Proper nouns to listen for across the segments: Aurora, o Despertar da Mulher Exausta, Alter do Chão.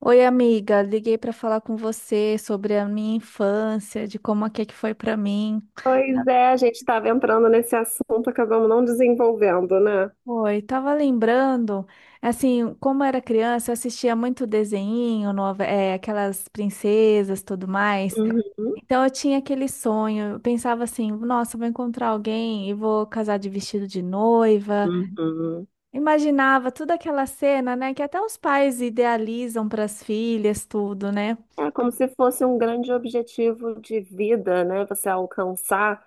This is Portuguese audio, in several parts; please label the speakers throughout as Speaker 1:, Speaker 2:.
Speaker 1: Oi, amiga, liguei para falar com você sobre a minha infância, de como é que foi para mim.
Speaker 2: Pois é, a gente estava entrando nesse assunto, acabamos não desenvolvendo, né?
Speaker 1: Oi, tava lembrando, assim, como era criança, eu assistia muito desenho, aquelas princesas, tudo mais.
Speaker 2: Uhum,
Speaker 1: Então eu tinha aquele sonho, eu pensava assim, nossa, eu vou encontrar alguém e vou casar de vestido de noiva.
Speaker 2: uhum.
Speaker 1: Imaginava toda aquela cena, né, que até os pais idealizam para as filhas, tudo, né?
Speaker 2: É como se fosse um grande objetivo de vida, né? Você alcançar.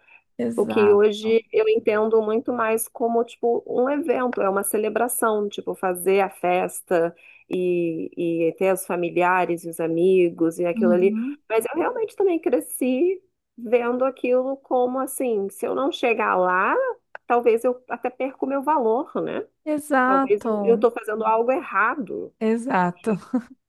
Speaker 2: O que
Speaker 1: Exato.
Speaker 2: hoje eu entendo muito mais como, tipo, um evento, é uma celebração, tipo, fazer a festa e ter os familiares e os amigos e aquilo ali.
Speaker 1: Uhum.
Speaker 2: Mas eu realmente também cresci vendo aquilo como, assim, se eu não chegar lá, talvez eu até perca o meu valor, né? Talvez eu
Speaker 1: Exato.
Speaker 2: estou fazendo algo errado.
Speaker 1: Exato.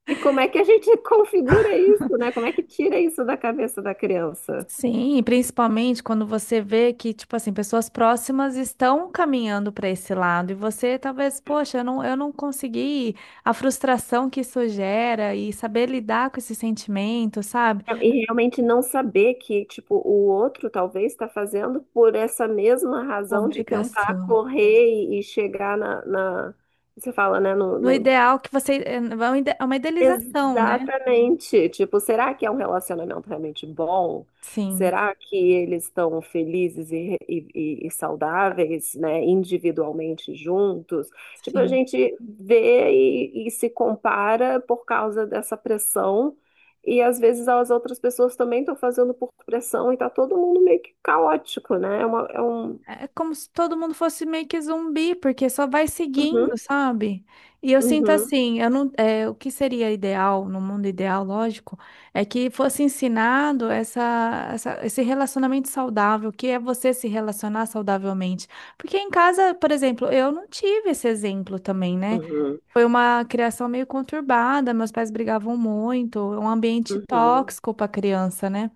Speaker 2: E como é que a gente configura isso, né? Como é que tira isso da cabeça da criança?
Speaker 1: Sim, e principalmente quando você vê que, tipo assim, pessoas próximas estão caminhando para esse lado e você talvez, poxa, eu não consegui, a frustração que isso gera e saber lidar com esse sentimento, sabe?
Speaker 2: E realmente não saber que, tipo, o outro talvez está fazendo por essa mesma razão de tentar
Speaker 1: Obrigação.
Speaker 2: correr e chegar você fala, né,
Speaker 1: No ideal que você, é uma é uma idealização, né?
Speaker 2: exatamente. Tipo, será que é um relacionamento realmente bom?
Speaker 1: Sim,
Speaker 2: Será que eles estão felizes e saudáveis, né, individualmente juntos? Tipo, a
Speaker 1: sim.
Speaker 2: gente vê e se compara por causa dessa pressão, e às vezes as outras pessoas também estão fazendo por pressão e tá todo mundo meio que caótico, né? É uma- é um...
Speaker 1: É como se todo mundo fosse meio que zumbi, porque só vai seguindo,
Speaker 2: Uhum,
Speaker 1: sabe? E eu sinto
Speaker 2: uhum,
Speaker 1: assim, eu não, é, o que seria ideal, no mundo ideal, lógico, é que fosse ensinado esse relacionamento saudável, que é você se relacionar saudavelmente. Porque em casa, por exemplo, eu não tive esse exemplo também, né?
Speaker 2: uhum,
Speaker 1: Foi uma criação meio conturbada, meus pais brigavam muito, um ambiente
Speaker 2: uhum.
Speaker 1: tóxico para criança, né?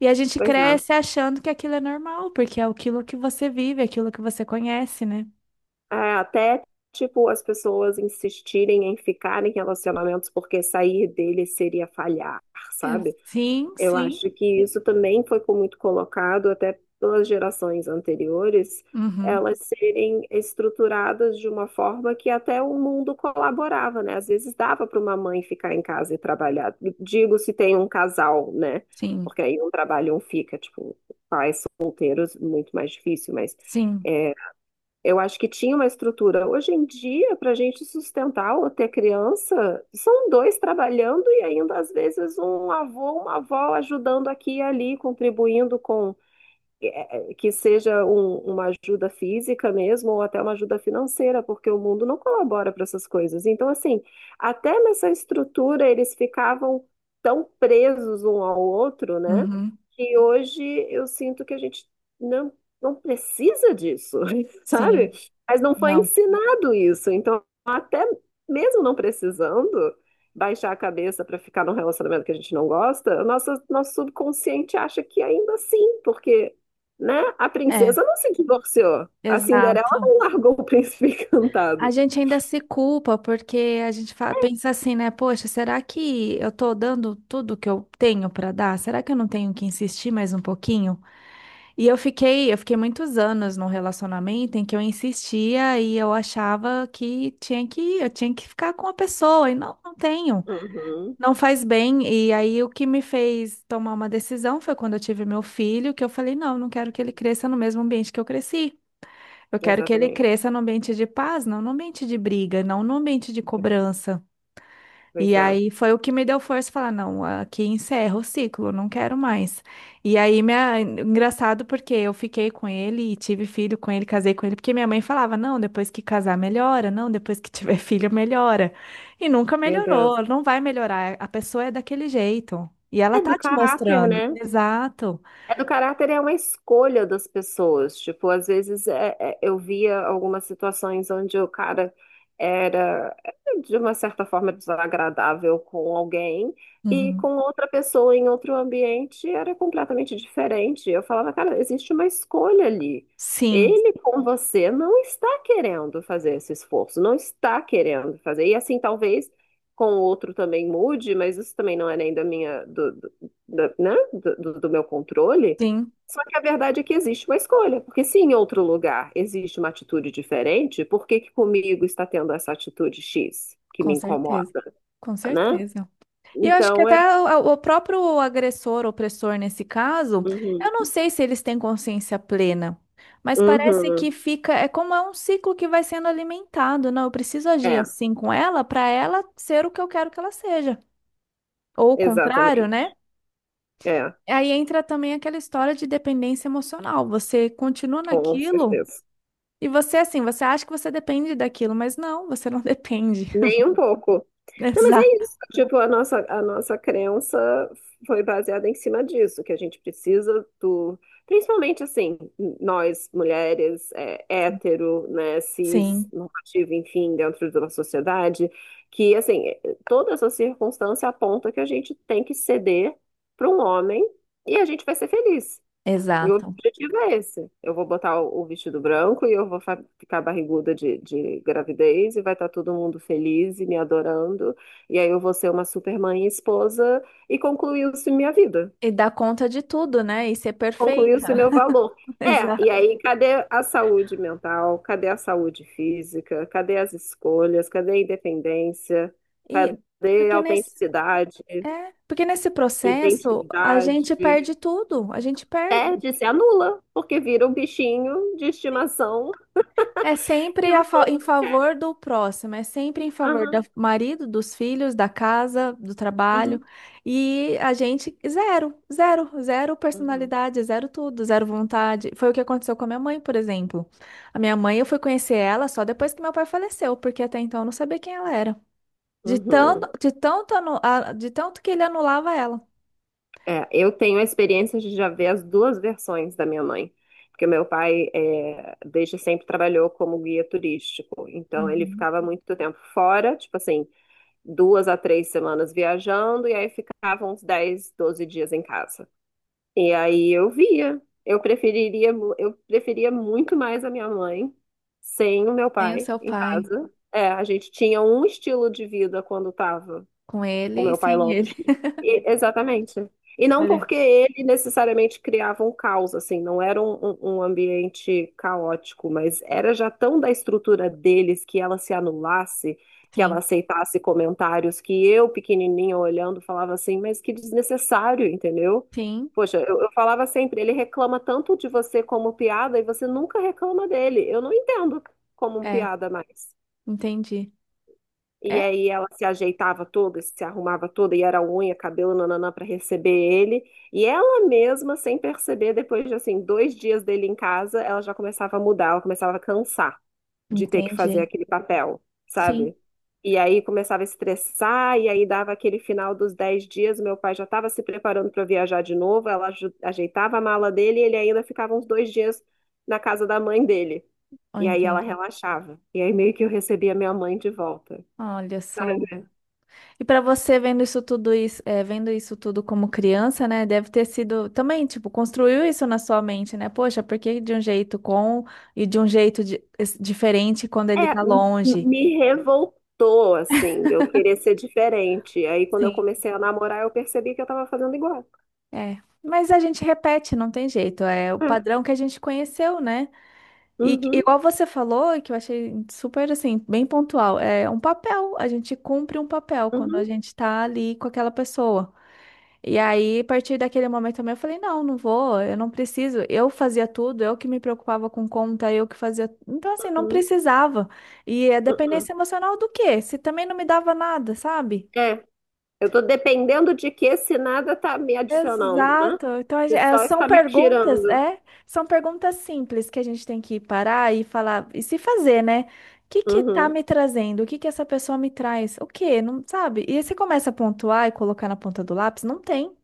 Speaker 1: E a gente
Speaker 2: Pois é.
Speaker 1: cresce achando que aquilo é normal, porque é aquilo que você vive, é aquilo que você conhece, né?
Speaker 2: É, até, tipo, as pessoas insistirem em ficar em relacionamentos porque sair dele seria falhar,
Speaker 1: É,
Speaker 2: sabe?
Speaker 1: sim,
Speaker 2: Eu
Speaker 1: sim.
Speaker 2: acho que isso também foi muito colocado até pelas gerações anteriores,
Speaker 1: Uhum.
Speaker 2: elas serem estruturadas de uma forma que até o mundo colaborava, né? Às vezes dava para uma mãe ficar em casa e trabalhar. Digo se tem um casal, né?
Speaker 1: Sim,
Speaker 2: Porque aí um trabalha e um fica, tipo, pais solteiros, muito mais difícil, mas.
Speaker 1: sim.
Speaker 2: É, eu acho que tinha uma estrutura. Hoje em dia, para a gente sustentar ou ter criança, são dois trabalhando e ainda às vezes um avô, uma avó ajudando aqui e ali, contribuindo com que seja uma ajuda física mesmo, ou até uma ajuda financeira, porque o mundo não colabora para essas coisas. Então, assim, até nessa estrutura eles ficavam tão presos um ao outro, né?
Speaker 1: Uhum.
Speaker 2: Que hoje eu sinto que a gente não, não precisa disso, sabe?
Speaker 1: Sim.
Speaker 2: Mas não foi
Speaker 1: Não.
Speaker 2: ensinado isso. Então, até mesmo não precisando. Baixar a cabeça para ficar num relacionamento que a gente não gosta, o nosso subconsciente acha que ainda assim, porque né? A
Speaker 1: É,
Speaker 2: princesa não se divorciou. A Cinderela
Speaker 1: exato.
Speaker 2: não largou o príncipe
Speaker 1: A
Speaker 2: encantado.
Speaker 1: gente ainda se culpa porque a gente pensa assim, né? Poxa, será que eu tô dando tudo que eu tenho para dar? Será que eu não tenho que insistir mais um pouquinho? E eu fiquei muitos anos num relacionamento em que eu insistia e eu achava que tinha que, eu tinha que ficar com a pessoa e não, não tenho,
Speaker 2: Uhum,
Speaker 1: não faz bem. E aí o que me fez tomar uma decisão foi quando eu tive meu filho, que eu falei, não, não quero que ele cresça no mesmo ambiente que eu cresci. Eu quero que ele
Speaker 2: exatamente.
Speaker 1: cresça no ambiente de paz, não no ambiente de briga, não no ambiente de cobrança.
Speaker 2: Pois
Speaker 1: E
Speaker 2: é.
Speaker 1: aí foi o que me deu força falar, não, aqui encerra o ciclo, não quero mais. E aí, minha... engraçado porque eu fiquei com ele e tive filho com ele, casei com ele, porque minha mãe falava, não, depois que casar melhora, não, depois que tiver filho melhora. E nunca
Speaker 2: Meu Deus.
Speaker 1: melhorou, não vai melhorar, a pessoa é daquele jeito. E ela
Speaker 2: É do
Speaker 1: tá te
Speaker 2: caráter,
Speaker 1: mostrando.
Speaker 2: né?
Speaker 1: Exato.
Speaker 2: É do caráter, é uma escolha das pessoas. Tipo, às vezes eu via algumas situações onde o cara era, é, de uma certa forma, desagradável com alguém e com
Speaker 1: Uhum.
Speaker 2: outra pessoa em outro ambiente era completamente diferente. Eu falava, cara, existe uma escolha ali.
Speaker 1: Sim,
Speaker 2: Ele com você não está querendo fazer esse esforço, não está querendo fazer. E assim, talvez com o outro também mude, mas isso também não é nem da minha, né, do meu controle.
Speaker 1: sim,
Speaker 2: Só que a verdade é que existe uma escolha, porque se em outro lugar existe uma atitude diferente, por que que comigo está tendo essa atitude X que
Speaker 1: com
Speaker 2: me incomoda,
Speaker 1: certeza. Com
Speaker 2: né?
Speaker 1: certeza. E eu acho que
Speaker 2: Então
Speaker 1: até
Speaker 2: é.
Speaker 1: o próprio agressor, opressor nesse caso,
Speaker 2: Uhum,
Speaker 1: eu não sei se eles têm consciência plena, mas parece
Speaker 2: uhum,
Speaker 1: que fica, é como é um ciclo que vai sendo alimentado, não, eu preciso agir
Speaker 2: é,
Speaker 1: assim com ela para ela ser o que eu quero que ela seja, ou o contrário,
Speaker 2: exatamente.
Speaker 1: né?
Speaker 2: É,
Speaker 1: Aí entra também aquela história de dependência emocional. Você continua
Speaker 2: com
Speaker 1: naquilo
Speaker 2: certeza.
Speaker 1: e você assim, você acha que você depende daquilo, mas não, você não depende.
Speaker 2: Nem um pouco. Não, mas é
Speaker 1: Exato.
Speaker 2: isso. Tipo, a nossa crença foi baseada em cima disso, que a gente precisa do. Principalmente assim, nós, mulheres, é, hétero, né, cis,
Speaker 1: Sim,
Speaker 2: normativa, enfim, dentro de uma sociedade, que assim, toda essa circunstância aponta que a gente tem que ceder para um homem e a gente vai ser feliz. E o
Speaker 1: exato.
Speaker 2: objetivo é esse. Eu vou botar o vestido branco e eu vou ficar barriguda de gravidez e vai estar todo mundo feliz e me adorando. E aí eu vou ser uma super mãe e esposa e concluiu-se minha vida.
Speaker 1: E dar conta de tudo, né? E ser perfeita.
Speaker 2: Concluiu-se meu valor. É,
Speaker 1: Exato.
Speaker 2: e aí cadê a saúde mental? Cadê a saúde física? Cadê as escolhas? Cadê a independência?
Speaker 1: E
Speaker 2: Cadê a
Speaker 1: porque nesse,
Speaker 2: autenticidade?
Speaker 1: Porque nesse processo a
Speaker 2: Identidade?
Speaker 1: gente perde tudo, a gente perde.
Speaker 2: Perde, se anula, porque vira um bichinho de estimação.
Speaker 1: É sempre
Speaker 2: Eu
Speaker 1: a
Speaker 2: sou.
Speaker 1: em favor do próximo, é sempre em favor do
Speaker 2: Aham,
Speaker 1: marido, dos filhos, da casa, do trabalho.
Speaker 2: uhum,
Speaker 1: E a gente, zero, zero, zero
Speaker 2: uhum,
Speaker 1: personalidade, zero tudo, zero vontade. Foi o que aconteceu com a minha mãe, por exemplo. A minha mãe, eu fui conhecer ela só depois que meu pai faleceu, porque até então eu não sabia quem ela era.
Speaker 2: uhum.
Speaker 1: De tanto que ele anulava ela.
Speaker 2: É, eu tenho a experiência de já ver as duas versões da minha mãe, porque meu pai é, desde sempre trabalhou como guia turístico, então ele
Speaker 1: Uhum.
Speaker 2: ficava muito tempo fora, tipo assim, 2 a 3 semanas viajando, e aí ficava uns 10, 12 dias em casa. E aí eu via, eu preferia muito mais a minha mãe sem o meu
Speaker 1: Sem o
Speaker 2: pai
Speaker 1: seu
Speaker 2: em
Speaker 1: pai,
Speaker 2: casa. É, a gente tinha um estilo de vida quando estava
Speaker 1: com
Speaker 2: com
Speaker 1: ele e
Speaker 2: meu pai
Speaker 1: sem
Speaker 2: longe.
Speaker 1: ele.
Speaker 2: Exatamente. E não
Speaker 1: Olha,
Speaker 2: porque ele necessariamente criava um caos, assim, não era um ambiente caótico, mas era já tão da estrutura deles que ela se anulasse, que ela
Speaker 1: sim,
Speaker 2: aceitasse comentários que eu, pequenininha, olhando, falava assim, mas que desnecessário, entendeu?
Speaker 1: sim,
Speaker 2: Poxa, eu falava sempre, ele reclama tanto de você como piada e você nunca reclama dele. Eu não entendo como
Speaker 1: é,
Speaker 2: piada mais.
Speaker 1: entendi.
Speaker 2: E
Speaker 1: É,
Speaker 2: aí ela se ajeitava toda, se arrumava toda e era unha, cabelo, nananã, para receber ele. E ela mesma, sem perceber, depois de assim, 2 dias dele em casa, ela já começava a mudar, ela começava a cansar de ter que fazer
Speaker 1: entendi.
Speaker 2: aquele papel,
Speaker 1: Sim,
Speaker 2: sabe? E aí começava a estressar, e aí dava aquele final dos 10 dias, meu pai já estava se preparando para viajar de novo, ela ajeitava a mala dele e ele ainda ficava uns 2 dias na casa da mãe dele.
Speaker 1: ó,
Speaker 2: E aí ela
Speaker 1: entendi.
Speaker 2: relaxava. E aí meio que eu recebia minha mãe de volta,
Speaker 1: Olha só.
Speaker 2: sabe?
Speaker 1: E pra você vendo isso tudo, é, vendo isso tudo como criança, né, deve ter sido também, tipo, construiu isso na sua mente, né? Poxa, por que de um jeito com e de um jeito diferente quando ele
Speaker 2: É,
Speaker 1: tá longe?
Speaker 2: me revoltou, assim, de eu querer ser diferente. Aí, quando eu
Speaker 1: Sim,
Speaker 2: comecei a namorar, eu percebi que eu tava fazendo igual.
Speaker 1: é. Mas a gente repete, não tem jeito. É o
Speaker 2: É.
Speaker 1: padrão que a gente conheceu, né? E
Speaker 2: Uhum,
Speaker 1: igual você falou, e que eu achei super assim, bem pontual, é um papel. A gente cumpre um papel quando a
Speaker 2: uhum,
Speaker 1: gente tá ali com aquela pessoa. E aí, a partir daquele momento também, eu falei, não, não vou, eu não preciso. Eu fazia tudo, eu que me preocupava com conta, eu que fazia. Então, assim, não
Speaker 2: uhum,
Speaker 1: precisava. E é
Speaker 2: uhum.
Speaker 1: dependência emocional do quê? Se também não me dava nada, sabe?
Speaker 2: É, eu tô dependendo de que se nada tá me adicionando, né?
Speaker 1: Exato. Então, a
Speaker 2: Se só está me tirando.
Speaker 1: é? São perguntas simples que a gente tem que parar e falar e se fazer, né? O que que tá
Speaker 2: Uhum,
Speaker 1: me trazendo? O que que essa pessoa me traz? O quê? Não sabe? E aí você começa a pontuar e colocar na ponta do lápis, não tem.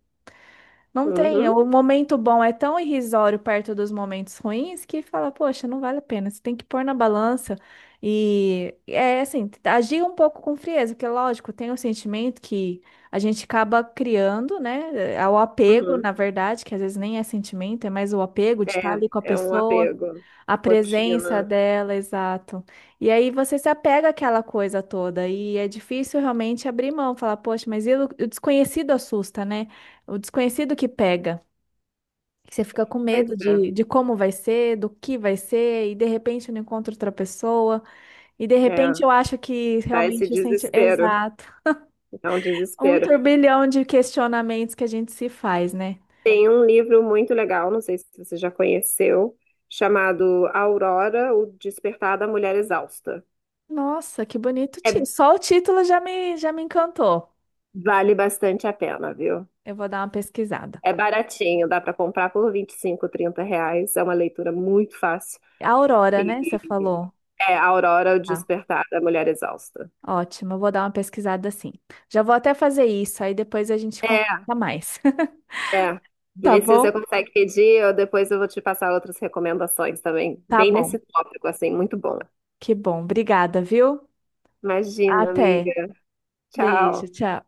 Speaker 1: Não tem.
Speaker 2: uhum,
Speaker 1: O momento bom é tão irrisório perto dos momentos ruins que fala, poxa, não vale a pena. Você tem que pôr na balança e é assim, agir um pouco com frieza, porque lógico, tem o sentimento que a gente acaba criando, né? É o apego,
Speaker 2: uhum.
Speaker 1: na verdade, que às vezes nem é sentimento, é mais o apego de estar ali com a
Speaker 2: É, é um
Speaker 1: pessoa.
Speaker 2: apego.
Speaker 1: A presença
Speaker 2: Rotina.
Speaker 1: dela, exato. E aí você se apega àquela coisa toda e é difícil realmente abrir mão, falar, poxa, mas e o desconhecido assusta, né? O desconhecido que pega. Você fica com
Speaker 2: Pois
Speaker 1: medo de como vai ser, do que vai ser, e de repente eu não encontro outra pessoa, e de
Speaker 2: é,
Speaker 1: repente
Speaker 2: é,
Speaker 1: eu acho que
Speaker 2: dá esse
Speaker 1: realmente o senti...
Speaker 2: desespero.
Speaker 1: Exato.
Speaker 2: É um
Speaker 1: Um
Speaker 2: desespero.
Speaker 1: turbilhão de questionamentos que a gente se faz, né?
Speaker 2: Tem um livro muito legal, não sei se você já conheceu, chamado Aurora, o Despertar da Mulher Exausta.
Speaker 1: Nossa, que bonito.
Speaker 2: É,
Speaker 1: Só o título já me encantou.
Speaker 2: vale bastante a pena, viu?
Speaker 1: Eu vou dar uma pesquisada.
Speaker 2: É baratinho, dá para comprar por 25, 30 reais. É uma leitura muito fácil.
Speaker 1: É A Aurora, né? Você
Speaker 2: E
Speaker 1: falou.
Speaker 2: é Aurora, o
Speaker 1: Tá,
Speaker 2: Despertar da Mulher Exausta.
Speaker 1: ótimo. Eu vou dar uma pesquisada assim. Já vou até fazer isso, aí depois a gente conversa
Speaker 2: É,
Speaker 1: mais.
Speaker 2: é.
Speaker 1: Tá
Speaker 2: Vê se você
Speaker 1: bom?
Speaker 2: consegue pedir, ou depois eu vou te passar outras recomendações também,
Speaker 1: Tá
Speaker 2: bem
Speaker 1: bom.
Speaker 2: nesse tópico, assim, muito bom.
Speaker 1: Que bom. Obrigada, viu?
Speaker 2: Imagina, amiga.
Speaker 1: Até. Beijo,
Speaker 2: Tchau.
Speaker 1: tchau.